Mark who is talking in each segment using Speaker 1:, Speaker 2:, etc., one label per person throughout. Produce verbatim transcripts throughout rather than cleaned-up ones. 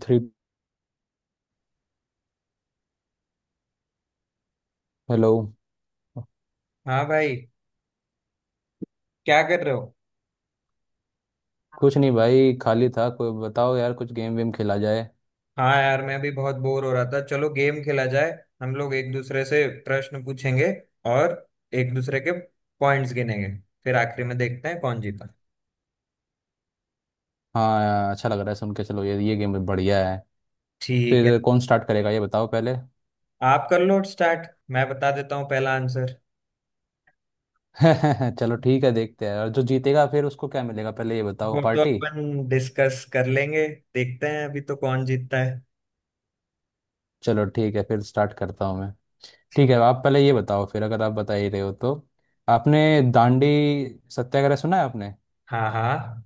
Speaker 1: Three. Hello.
Speaker 2: हाँ भाई, क्या कर रहे हो?
Speaker 1: कुछ नहीं भाई, खाली था। कोई बताओ यार, कुछ गेम वेम खेला जाए।
Speaker 2: हाँ यार, मैं भी बहुत बोर हो रहा था। चलो गेम खेला जाए। हम लोग एक दूसरे से प्रश्न पूछेंगे और एक दूसरे के पॉइंट्स गिनेंगे। फिर आखिरी में देखते हैं कौन जीता।
Speaker 1: हाँ, अच्छा लग रहा है सुन के। चलो ये ये गेम बढ़िया है।
Speaker 2: ठीक है,
Speaker 1: फिर कौन स्टार्ट करेगा ये बताओ पहले।
Speaker 2: आप कर लो स्टार्ट, मैं बता देता हूँ पहला आंसर।
Speaker 1: चलो ठीक है, देखते हैं। और जो जीतेगा फिर उसको क्या मिलेगा, पहले ये बताओ,
Speaker 2: वो तो
Speaker 1: पार्टी?
Speaker 2: अपन डिस्कस कर लेंगे, देखते हैं अभी तो कौन जीतता है।
Speaker 1: चलो ठीक है, फिर स्टार्ट करता हूँ मैं। ठीक है,
Speaker 2: ठीक।
Speaker 1: आप पहले ये बताओ, फिर अगर आप बता ही रहे हो तो। आपने दांडी सत्याग्रह सुना है आपने?
Speaker 2: हाँ हाँ।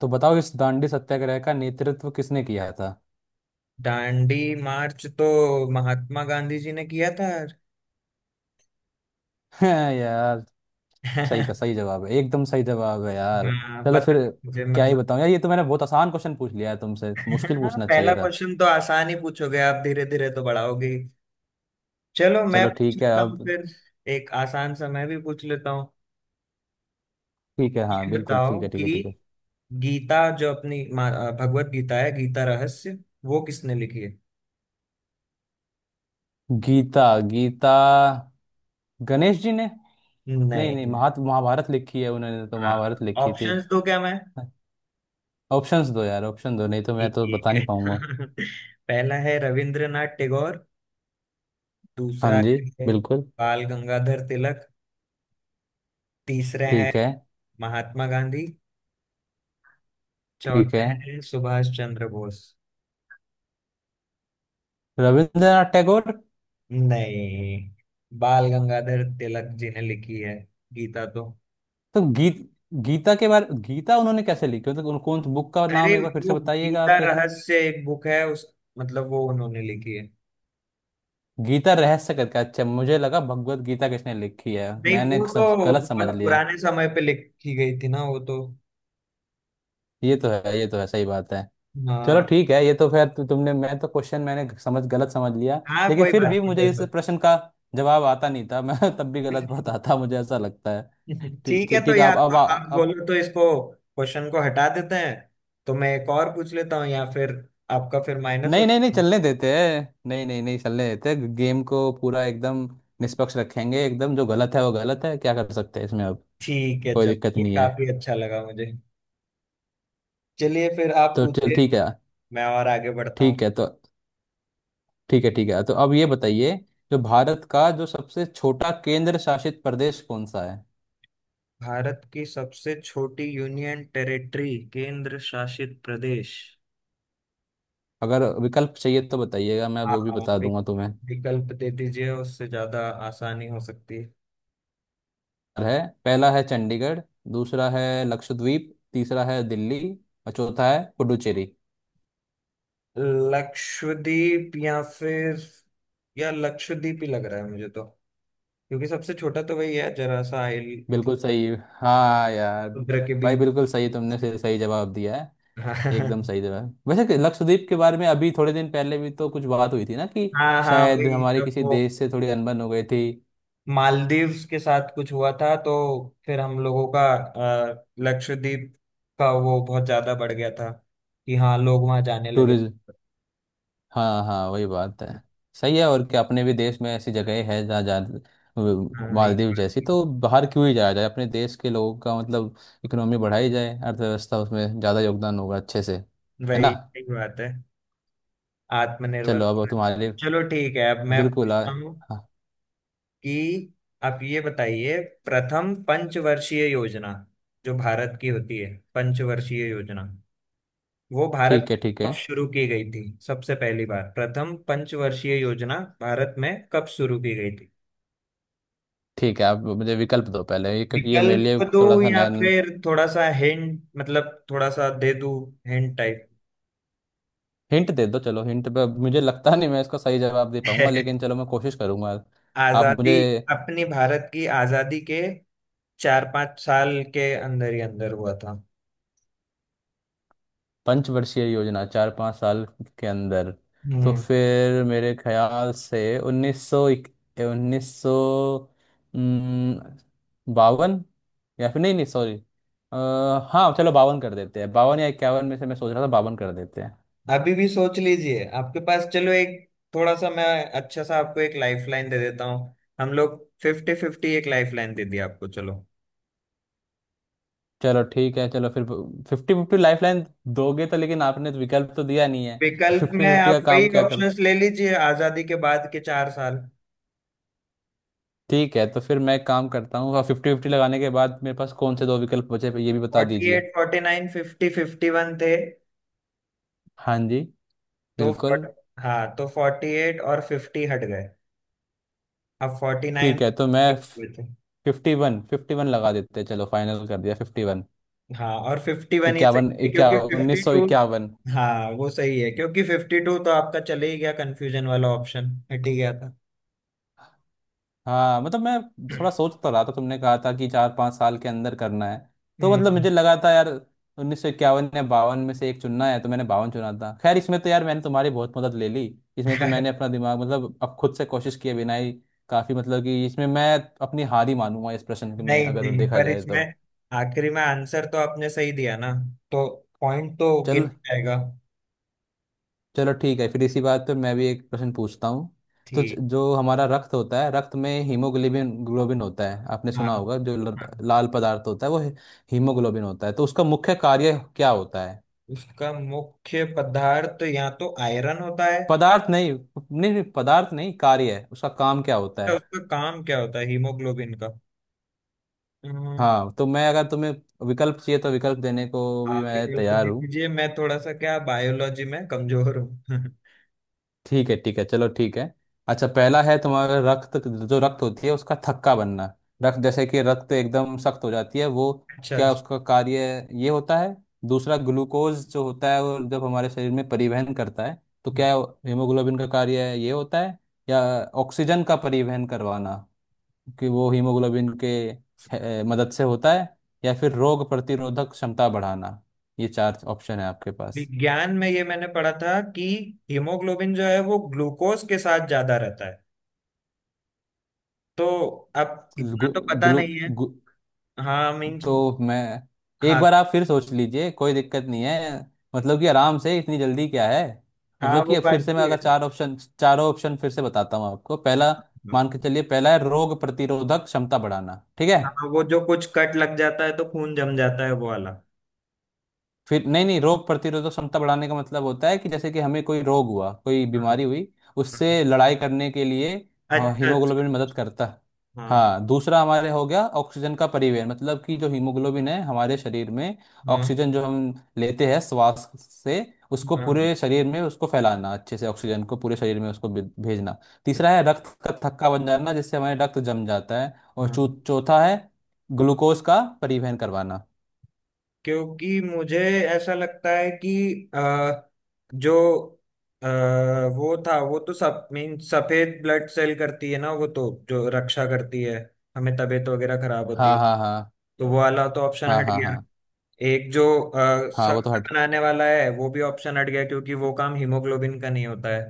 Speaker 1: तो बताओ, इस दांडी सत्याग्रह का नेतृत्व किसने किया था?
Speaker 2: दांडी मार्च तो महात्मा गांधी जी ने किया था यार।
Speaker 1: यार, सही का सही जवाब है, एकदम सही जवाब है यार।
Speaker 2: हाँ
Speaker 1: चलो
Speaker 2: पता
Speaker 1: फिर।
Speaker 2: था मुझे,
Speaker 1: क्या ही
Speaker 2: मतलब
Speaker 1: बताऊं यार, ये तो मैंने बहुत आसान क्वेश्चन पूछ लिया है, तुमसे मुश्किल
Speaker 2: हाँ,
Speaker 1: पूछना चाहिए
Speaker 2: पहला
Speaker 1: था।
Speaker 2: क्वेश्चन तो आसान ही पूछोगे आप, धीरे धीरे तो बढ़ाओगे ही। चलो मैं
Speaker 1: चलो
Speaker 2: पूछ
Speaker 1: ठीक है
Speaker 2: लेता हूँ
Speaker 1: अब।
Speaker 2: फिर। एक आसान सा मैं भी पूछ लेता हूँ।
Speaker 1: ठीक है, हाँ
Speaker 2: ये
Speaker 1: बिल्कुल, ठीक
Speaker 2: बताओ
Speaker 1: है ठीक
Speaker 2: कि
Speaker 1: है ठीक है।
Speaker 2: गीता जो अपनी मा- भगवत गीता है, गीता रहस्य, वो किसने लिखी है?
Speaker 1: गीता, गीता, गणेश जी ने। नहीं नहीं,
Speaker 2: नहीं।
Speaker 1: महात महाभारत लिखी है उन्होंने, तो
Speaker 2: हाँ,
Speaker 1: महाभारत लिखी थी।
Speaker 2: ऑप्शंस दो क्या मैं?
Speaker 1: ऑप्शंस दो यार, ऑप्शन दो, नहीं तो मैं
Speaker 2: ठीक
Speaker 1: तो बता
Speaker 2: ठीक
Speaker 1: नहीं पाऊंगा।
Speaker 2: है। पहला है रविंद्रनाथ टैगोर,
Speaker 1: हाँ
Speaker 2: दूसरा
Speaker 1: जी।
Speaker 2: है
Speaker 1: बिल्कुल।
Speaker 2: बाल गंगाधर तिलक, तीसरे हैं
Speaker 1: ठीक है
Speaker 2: महात्मा गांधी,
Speaker 1: ठीक
Speaker 2: चौथे
Speaker 1: है।
Speaker 2: हैं सुभाष चंद्र बोस।
Speaker 1: रविंद्रनाथ टैगोर।
Speaker 2: नहीं, बाल गंगाधर तिलक जी ने लिखी है गीता तो।
Speaker 1: तो गीत गीता के बारे, गीता उन्होंने कैसे लिखी मतलब, कौन कौन बुक का नाम
Speaker 2: अरे
Speaker 1: एक बार फिर से
Speaker 2: वो
Speaker 1: बताइएगा
Speaker 2: गीता
Speaker 1: आप।
Speaker 2: रहस्य एक बुक है, उस मतलब वो उन्होंने लिखी है।
Speaker 1: गीता रहस्य करके, अच्छा। मुझे लगा भगवत गीता किसने लिखी है,
Speaker 2: नहीं,
Speaker 1: मैंने
Speaker 2: वो
Speaker 1: सब
Speaker 2: तो
Speaker 1: गलत समझ
Speaker 2: बहुत
Speaker 1: लिया।
Speaker 2: पुराने समय पे लिखी गई थी ना वो तो।
Speaker 1: ये तो है, ये तो है, सही बात है। चलो
Speaker 2: हाँ
Speaker 1: ठीक है, ये तो फिर तु, तुमने, मैं तो क्वेश्चन मैंने समझ गलत समझ लिया।
Speaker 2: हाँ।
Speaker 1: लेकिन
Speaker 2: कोई
Speaker 1: फिर भी
Speaker 2: बात नहीं,
Speaker 1: मुझे
Speaker 2: कोई
Speaker 1: इस
Speaker 2: बात
Speaker 1: प्रश्न का जवाब आता नहीं था। मैं तब भी गलत बताता, मुझे ऐसा लगता है।
Speaker 2: नहीं। ठीक है
Speaker 1: ठीक
Speaker 2: तो
Speaker 1: ठीक,
Speaker 2: यार,
Speaker 1: आप
Speaker 2: तो आप
Speaker 1: अब।
Speaker 2: बोलो तो इसको क्वेश्चन को हटा देते हैं तो मैं एक और पूछ लेता हूँ, या फिर आपका फिर माइनस हो।
Speaker 1: नहीं नहीं नहीं चलने देते हैं, नहीं नहीं नहीं चलने देते हैं। गेम को पूरा एकदम निष्पक्ष रखेंगे, एकदम। जो गलत है वो गलत है, क्या कर सकते हैं इसमें अब।
Speaker 2: ठीक है,
Speaker 1: कोई
Speaker 2: चलो
Speaker 1: दिक्कत
Speaker 2: ये
Speaker 1: नहीं है।
Speaker 2: काफी अच्छा लगा मुझे। चलिए फिर आप
Speaker 1: तो चल
Speaker 2: पूछिए।
Speaker 1: ठीक है।
Speaker 2: मैं और आगे बढ़ता हूँ।
Speaker 1: ठीक है तो। ठीक है ठीक है, तो अब ये बताइए, जो भारत का जो सबसे छोटा केंद्र शासित प्रदेश कौन सा है?
Speaker 2: भारत की सबसे छोटी यूनियन टेरिटरी, केंद्र शासित प्रदेश।
Speaker 1: अगर विकल्प चाहिए तो बताइएगा, मैं
Speaker 2: हाँ,
Speaker 1: वो भी बता
Speaker 2: वि-
Speaker 1: दूंगा तुम्हें।
Speaker 2: विकल्प दे दीजिए, उससे ज्यादा आसानी हो सकती है।
Speaker 1: है। पहला है चंडीगढ़, दूसरा है लक्षद्वीप, तीसरा है दिल्ली, और चौथा है पुडुचेरी।
Speaker 2: लक्षद्वीप, या फिर या लक्षद्वीप ही लग रहा है मुझे तो, क्योंकि सबसे छोटा तो वही है, जरा सा आइल मतलब
Speaker 1: बिल्कुल सही, हाँ यार।
Speaker 2: समुद्र के
Speaker 1: भाई
Speaker 2: बीच।
Speaker 1: बिल्कुल सही, तुमने से सही जवाब दिया है।
Speaker 2: हाँ।
Speaker 1: एकदम सही जवाब। वैसे कि लक्षद्वीप के बारे में अभी थोड़े दिन पहले भी तो कुछ बात हुई थी ना, कि
Speaker 2: हाँ हाँ,
Speaker 1: शायद
Speaker 2: वही
Speaker 1: हमारे
Speaker 2: सब
Speaker 1: किसी
Speaker 2: वो
Speaker 1: देश से थोड़ी अनबन हो गई थी।
Speaker 2: मालदीव्स के साथ कुछ हुआ था, तो फिर हम लोगों का अ, लक्षद्वीप का वो बहुत ज्यादा बढ़ गया था कि हाँ, लोग वहां जाने लगे।
Speaker 1: टूरिज्म। हाँ हाँ, वही बात है। सही है। और क्या अपने भी देश में ऐसी जगह है जहाँ जा,
Speaker 2: हाँ ये
Speaker 1: मालदीव
Speaker 2: बात
Speaker 1: जैसी?
Speaker 2: भी-
Speaker 1: तो बाहर क्यों ही जाया जाए, अपने देश के लोगों का मतलब इकोनॉमी बढ़ाई जाए, अर्थव्यवस्था उसमें ज़्यादा योगदान होगा अच्छे से, है ना।
Speaker 2: वही सही बात है। आत्मनिर्भर
Speaker 1: चलो, अब
Speaker 2: भारत।
Speaker 1: तुम्हारे लिए।
Speaker 2: चलो ठीक है, अब मैं
Speaker 1: बिल्कुल आ-
Speaker 2: पूछता हूँ
Speaker 1: हाँ।
Speaker 2: कि आप ये बताइए, प्रथम पंचवर्षीय योजना, जो भारत की होती है पंचवर्षीय योजना, वो भारत
Speaker 1: ठीक है
Speaker 2: में
Speaker 1: ठीक
Speaker 2: कब
Speaker 1: है
Speaker 2: शुरू की गई थी? सबसे पहली बार प्रथम पंचवर्षीय योजना भारत में कब शुरू की गई?
Speaker 1: ठीक है। आप मुझे विकल्प दो पहले ये, क्योंकि ये मेरे लिए
Speaker 2: विकल्प दूं
Speaker 1: थोड़ा सा
Speaker 2: या
Speaker 1: नया।
Speaker 2: फिर थोड़ा सा हिंट, मतलब थोड़ा सा दे दूं, हिंट टाइप।
Speaker 1: हिंट दे दो, चलो हिंट पे। मुझे लगता नहीं मैं इसका सही जवाब दे पाऊंगा, लेकिन चलो मैं कोशिश करूंगा। आप
Speaker 2: आजादी,
Speaker 1: मुझे,
Speaker 2: अपनी भारत की आजादी के चार पांच साल के अंदर ही अंदर हुआ था।
Speaker 1: पंचवर्षीय योजना, चार पाँच साल के अंदर। तो
Speaker 2: हम्म।
Speaker 1: फिर मेरे ख्याल से उन्नीस सौ उन्नीस सौ बावन, या फिर नहीं नहीं सॉरी। हाँ चलो बावन कर देते हैं, बावन या इक्यावन में से, मैं सोच रहा था, बावन कर देते हैं।
Speaker 2: अभी भी सोच लीजिए, आपके पास चलो एक थोड़ा सा मैं, अच्छा सा आपको एक लाइफलाइन दे देता हूँ। हम लोग फिफ्टी फिफ्टी एक लाइफलाइन दे दी आपको, चलो।
Speaker 1: चलो ठीक है, चलो फिर। फिफ्टी फिफ्टी लाइफ लाइन दोगे तो, लेकिन आपने तो विकल्प तो दिया नहीं है।
Speaker 2: विकल्प
Speaker 1: फिफ्टी
Speaker 2: में
Speaker 1: फिफ्टी
Speaker 2: आप
Speaker 1: का काम
Speaker 2: वही
Speaker 1: क्या करूं?
Speaker 2: ऑप्शंस ले लीजिए, आजादी के बाद के चार साल।
Speaker 1: ठीक है, तो फिर मैं एक काम करता हूँ, और फिफ्टी फिफ्टी लगाने के बाद मेरे पास कौन से दो विकल्प बचे, ये भी बता
Speaker 2: फोर्टी
Speaker 1: दीजिए।
Speaker 2: Eight, forty nine, fifty, fifty one थे।
Speaker 1: हाँ जी।
Speaker 2: तो
Speaker 1: बिल्कुल।
Speaker 2: फोर्टी, हाँ, तो फोर्टी एट और फिफ्टी हट गए। अब फोर्टी नाइन
Speaker 1: ठीक है, तो मैं
Speaker 2: थे।
Speaker 1: फिफ्टी वन फिफ्टी वन लगा देते हैं, चलो फाइनल कर दिया, फिफ्टी वन।
Speaker 2: हाँ, और फिफ्टी वन ही सही
Speaker 1: इक्यावन
Speaker 2: है
Speaker 1: इक्या
Speaker 2: क्योंकि फिफ्टी
Speaker 1: उन्नीस सौ
Speaker 2: टू,
Speaker 1: इक्यावन
Speaker 2: हाँ वो सही है, क्योंकि फिफ्टी टू तो आपका चले ही गया, कंफ्यूजन वाला ऑप्शन हट ही गया था।
Speaker 1: हाँ मतलब मैं थोड़ा सोच तो रहा था, तुमने कहा था कि चार पाँच साल के अंदर करना है। तो मतलब
Speaker 2: हम्म।
Speaker 1: मुझे लगा था यार उन्नीस सौ इक्यावन या बावन में से एक चुनना है, तो मैंने बावन चुना था। खैर इसमें तो यार, मैंने तुम्हारी बहुत मदद ले ली। इसमें तो मैंने अपना दिमाग मतलब, अब खुद से कोशिश किए बिना ही काफ़ी मतलब, कि इसमें मैं अपनी हार ही मानूंगा इस प्रश्न में,
Speaker 2: नहीं
Speaker 1: अगर
Speaker 2: नहीं,
Speaker 1: देखा
Speaker 2: पर
Speaker 1: जाए
Speaker 2: इसमें
Speaker 1: तो।
Speaker 2: आखिरी में आंसर तो आपने सही दिया ना, तो पॉइंट तो गिन
Speaker 1: चल,
Speaker 2: जाएगा।
Speaker 1: चलो ठीक है। फिर इसी बात पे मैं भी एक प्रश्न पूछता हूँ। तो ज-
Speaker 2: ठीक।
Speaker 1: जो हमारा रक्त होता है, रक्त में हीमोग्लोबिन ग्लोबिन होता है, आपने
Speaker 2: हाँ
Speaker 1: सुना होगा।
Speaker 2: हाँ।
Speaker 1: जो ल- लाल पदार्थ होता है वो ही- हीमोग्लोबिन होता है, तो उसका मुख्य कार्य क्या होता है?
Speaker 2: उसका मुख्य पदार्थ या तो आयरन होता है।
Speaker 1: पदार्थ नहीं नहीं नहीं, पदार्थ नहीं कार्य है, उसका काम क्या होता
Speaker 2: या
Speaker 1: है?
Speaker 2: उसका काम क्या होता है हीमोग्लोबिन। हम्म,
Speaker 1: हाँ तो मैं, अगर तुम्हें विकल्प चाहिए तो विकल्प देने को भी
Speaker 2: आप एक
Speaker 1: मैं
Speaker 2: हेल्प
Speaker 1: तैयार
Speaker 2: दे
Speaker 1: हूँ।
Speaker 2: दीजिए, मैं थोड़ा सा क्या बायोलॉजी में कमजोर हूँ।
Speaker 1: ठीक है ठीक है, चलो ठीक है। अच्छा, पहला है तुम्हारा रक्त, जो रक्त होती है उसका थक्का बनना, रक्त जैसे कि रक्त एकदम सख्त हो जाती है वो,
Speaker 2: अच्छा
Speaker 1: क्या
Speaker 2: अच्छा।
Speaker 1: उसका कार्य ये होता है? दूसरा, ग्लूकोज जो होता है वो जब हमारे शरीर में परिवहन करता है, तो
Speaker 2: हाँ।
Speaker 1: क्या हीमोग्लोबिन का कार्य ये होता है? या ऑक्सीजन का परिवहन करवाना, कि वो हीमोग्लोबिन के अ, मदद से होता है? या फिर रोग प्रतिरोधक क्षमता बढ़ाना? ये चार ऑप्शन है आपके पास।
Speaker 2: विज्ञान में ये मैंने पढ़ा था कि हीमोग्लोबिन जो है वो ग्लूकोज के साथ ज्यादा रहता है तो, अब इतना
Speaker 1: ग्लू,
Speaker 2: तो पता
Speaker 1: ग्लू,
Speaker 2: नहीं है। हाँ मीन्स।
Speaker 1: तो मैं, एक
Speaker 2: हाँ
Speaker 1: बार आप फिर सोच लीजिए, कोई दिक्कत नहीं है। मतलब कि आराम से, इतनी जल्दी क्या है।
Speaker 2: हाँ,
Speaker 1: मतलब कि
Speaker 2: वो
Speaker 1: अब
Speaker 2: बात
Speaker 1: फिर से मैं
Speaker 2: भी है।
Speaker 1: अगर चार ऑप्शन, चारों ऑप्शन फिर से बताता हूँ आपको। पहला मान के चलिए, पहला है रोग प्रतिरोधक क्षमता बढ़ाना, ठीक है?
Speaker 2: हाँ, वो जो कुछ कट लग जाता है तो खून जम जाता है वो वाला।
Speaker 1: फिर नहीं नहीं, रोग प्रतिरोधक क्षमता बढ़ाने का मतलब होता है कि जैसे कि हमें कोई रोग हुआ, कोई
Speaker 2: हाँ।
Speaker 1: बीमारी हुई, उससे लड़ाई करने के लिए हाँ,
Speaker 2: अच्छा अच्छा।
Speaker 1: हीमोग्लोबिन मदद करता है।
Speaker 2: हाँ
Speaker 1: हाँ, दूसरा हमारे हो गया ऑक्सीजन का परिवहन, मतलब कि जो हीमोग्लोबिन है हमारे शरीर में,
Speaker 2: हाँ
Speaker 1: ऑक्सीजन जो हम लेते हैं श्वास से उसको
Speaker 2: हाँ।
Speaker 1: पूरे शरीर में उसको फैलाना अच्छे से, ऑक्सीजन को पूरे शरीर में उसको भे- भेजना। तीसरा है रक्त का थक्का बन जाना, जिससे हमारे रक्त जम जाता है, और चौ-
Speaker 2: हाँ।
Speaker 1: चौथा है ग्लूकोज का परिवहन करवाना।
Speaker 2: क्योंकि मुझे ऐसा लगता है कि अ, जो अ, वो था, वो तो सब मीन सफेद ब्लड सेल करती है ना वो तो, जो रक्षा करती है हमें तबीयत वगैरह खराब होती
Speaker 1: हाँ
Speaker 2: है,
Speaker 1: हाँ हाँ।
Speaker 2: तो वो वाला तो ऑप्शन
Speaker 1: हाँ
Speaker 2: हट
Speaker 1: हाँ
Speaker 2: गया।
Speaker 1: हाँ।
Speaker 2: एक जो अ,
Speaker 1: हाँ वो
Speaker 2: सख्त
Speaker 1: तो हट।
Speaker 2: बनाने वाला है वो भी ऑप्शन हट गया, क्योंकि वो काम हीमोग्लोबिन का नहीं होता है।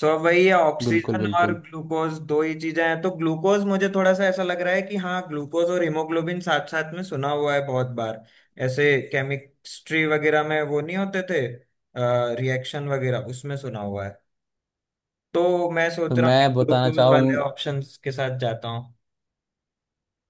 Speaker 2: सो अब वही है,
Speaker 1: बिल्कुल
Speaker 2: ऑक्सीजन और
Speaker 1: बिल्कुल।
Speaker 2: ग्लूकोज दो ही चीजें हैं। तो ग्लूकोज मुझे थोड़ा सा ऐसा लग रहा है कि हाँ, ग्लूकोज और हीमोग्लोबिन साथ साथ में सुना हुआ है बहुत बार, ऐसे केमिस्ट्री वगैरह में वो नहीं होते थे, रिएक्शन वगैरह उसमें सुना हुआ है। तो मैं
Speaker 1: तो
Speaker 2: सोच रहा हूँ कि
Speaker 1: मैं बताना
Speaker 2: ग्लूकोज वाले
Speaker 1: चाहूँ
Speaker 2: ऑप्शंस के साथ जाता हूँ।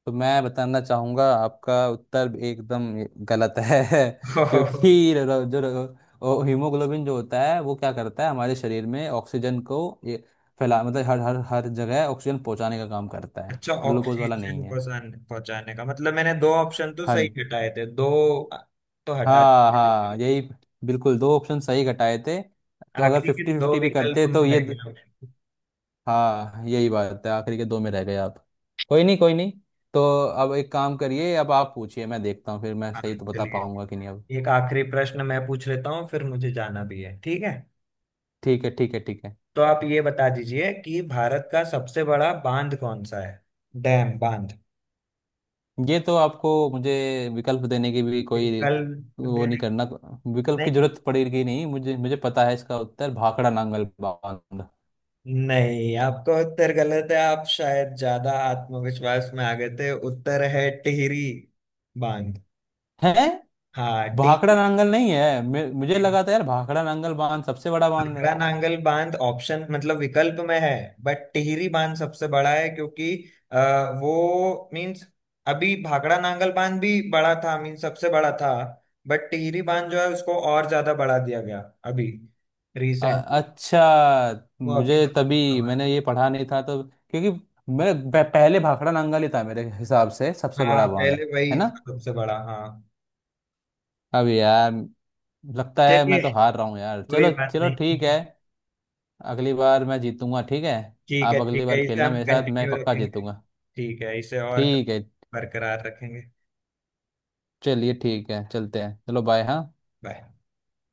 Speaker 1: तो मैं बताना चाहूंगा, आपका उत्तर एकदम गलत है। क्योंकि र- र- जो र- ओ- हीमोग्लोबिन जो होता है वो क्या करता है, हमारे शरीर में ऑक्सीजन को ये फैला मतलब हर हर हर जगह ऑक्सीजन पहुंचाने का काम करता है।
Speaker 2: अच्छा,
Speaker 1: ग्लूकोज वाला नहीं
Speaker 2: ऑक्सीजन
Speaker 1: है।
Speaker 2: पहुंचाने पहुंचाने का मतलब मैंने दो ऑप्शन तो
Speaker 1: हाँ
Speaker 2: सही हटाए थे, दो तो हटा
Speaker 1: हाँ हाँ,
Speaker 2: दिए।
Speaker 1: यही। बिल्कुल, दो ऑप्शन सही घटाए थे, तो अगर
Speaker 2: आखिरी के
Speaker 1: फिफ्टी
Speaker 2: दो
Speaker 1: फिफ्टी भी
Speaker 2: विकल्प
Speaker 1: करते तो
Speaker 2: में
Speaker 1: ये।
Speaker 2: रह गया।
Speaker 1: हाँ यही बात है, आखिरी के दो में रह गए आप। कोई नहीं, कोई नहीं। तो अब एक काम करिए, अब आप पूछिए, मैं देखता हूँ फिर मैं
Speaker 2: हाँ।
Speaker 1: सही तो बता
Speaker 2: चलिए,
Speaker 1: पाऊंगा कि नहीं अब।
Speaker 2: एक आखिरी प्रश्न मैं पूछ लेता हूँ, फिर मुझे जाना भी है, ठीक है?
Speaker 1: ठीक है ठीक है ठीक है।
Speaker 2: तो आप ये बता दीजिए कि भारत का सबसे बड़ा बांध कौन सा है? डैम, बांध।
Speaker 1: ये तो आपको मुझे विकल्प देने की भी कोई,
Speaker 2: कल
Speaker 1: वो नहीं
Speaker 2: देने।
Speaker 1: करना, विकल्प की
Speaker 2: नहीं
Speaker 1: जरूरत पड़ेगी नहीं मुझे, मुझे पता है इसका उत्तर, भाखड़ा नांगल बांध।
Speaker 2: नहीं, आपका उत्तर गलत है। आप शायद ज्यादा आत्मविश्वास में आ गए थे। उत्तर है टिहरी बांध।
Speaker 1: है?
Speaker 2: हाँ
Speaker 1: भाखड़ा
Speaker 2: टिहरी।
Speaker 1: नांगल नहीं है? मे- मुझे लगा था यार, भाखड़ा नांगल बांध सबसे बड़ा बांध है।
Speaker 2: आगरा नांगल बांध ऑप्शन मतलब विकल्प में है, बट टिहरी बांध सबसे बड़ा है, क्योंकि अ, वो मीन्स, अभी भाखड़ा नांगल बांध भी बड़ा था, मीन्स सबसे बड़ा था, बट टिहरी बांध जो है उसको और ज्यादा बढ़ा दिया गया अभी,
Speaker 1: अ-
Speaker 2: रिसेंटली।
Speaker 1: अच्छा।
Speaker 2: वो अभी
Speaker 1: मुझे
Speaker 2: सबसे
Speaker 1: तभी,
Speaker 2: बड़ा।
Speaker 1: मैंने ये पढ़ा नहीं था तो, क्योंकि मैं प- पहले भाखड़ा नांगल ही था मेरे हिसाब से
Speaker 2: है।
Speaker 1: सबसे
Speaker 2: हाँ,
Speaker 1: बड़ा बांध,
Speaker 2: पहले
Speaker 1: है
Speaker 2: वही
Speaker 1: ना?
Speaker 2: था सबसे बड़ा, हाँ।
Speaker 1: अब यार, लगता है मैं
Speaker 2: चलिए,
Speaker 1: तो हार रहा हूँ यार।
Speaker 2: कोई
Speaker 1: चलो
Speaker 2: बात
Speaker 1: चलो
Speaker 2: नहीं।
Speaker 1: ठीक है। अगली बार मैं जीतूंगा, ठीक है?
Speaker 2: ठीक
Speaker 1: आप
Speaker 2: है
Speaker 1: अगली
Speaker 2: ठीक है,
Speaker 1: बार
Speaker 2: इसे
Speaker 1: खेलना
Speaker 2: हम
Speaker 1: मेरे साथ, मैं
Speaker 2: कंटिन्यू
Speaker 1: पक्का
Speaker 2: रखेंगे।
Speaker 1: जीतूंगा।
Speaker 2: ठीक है, इसे और
Speaker 1: ठीक है।
Speaker 2: बरकरार रखेंगे।
Speaker 1: चलिए ठीक है, चलते हैं, चलो बाय, हाँ।
Speaker 2: बाय।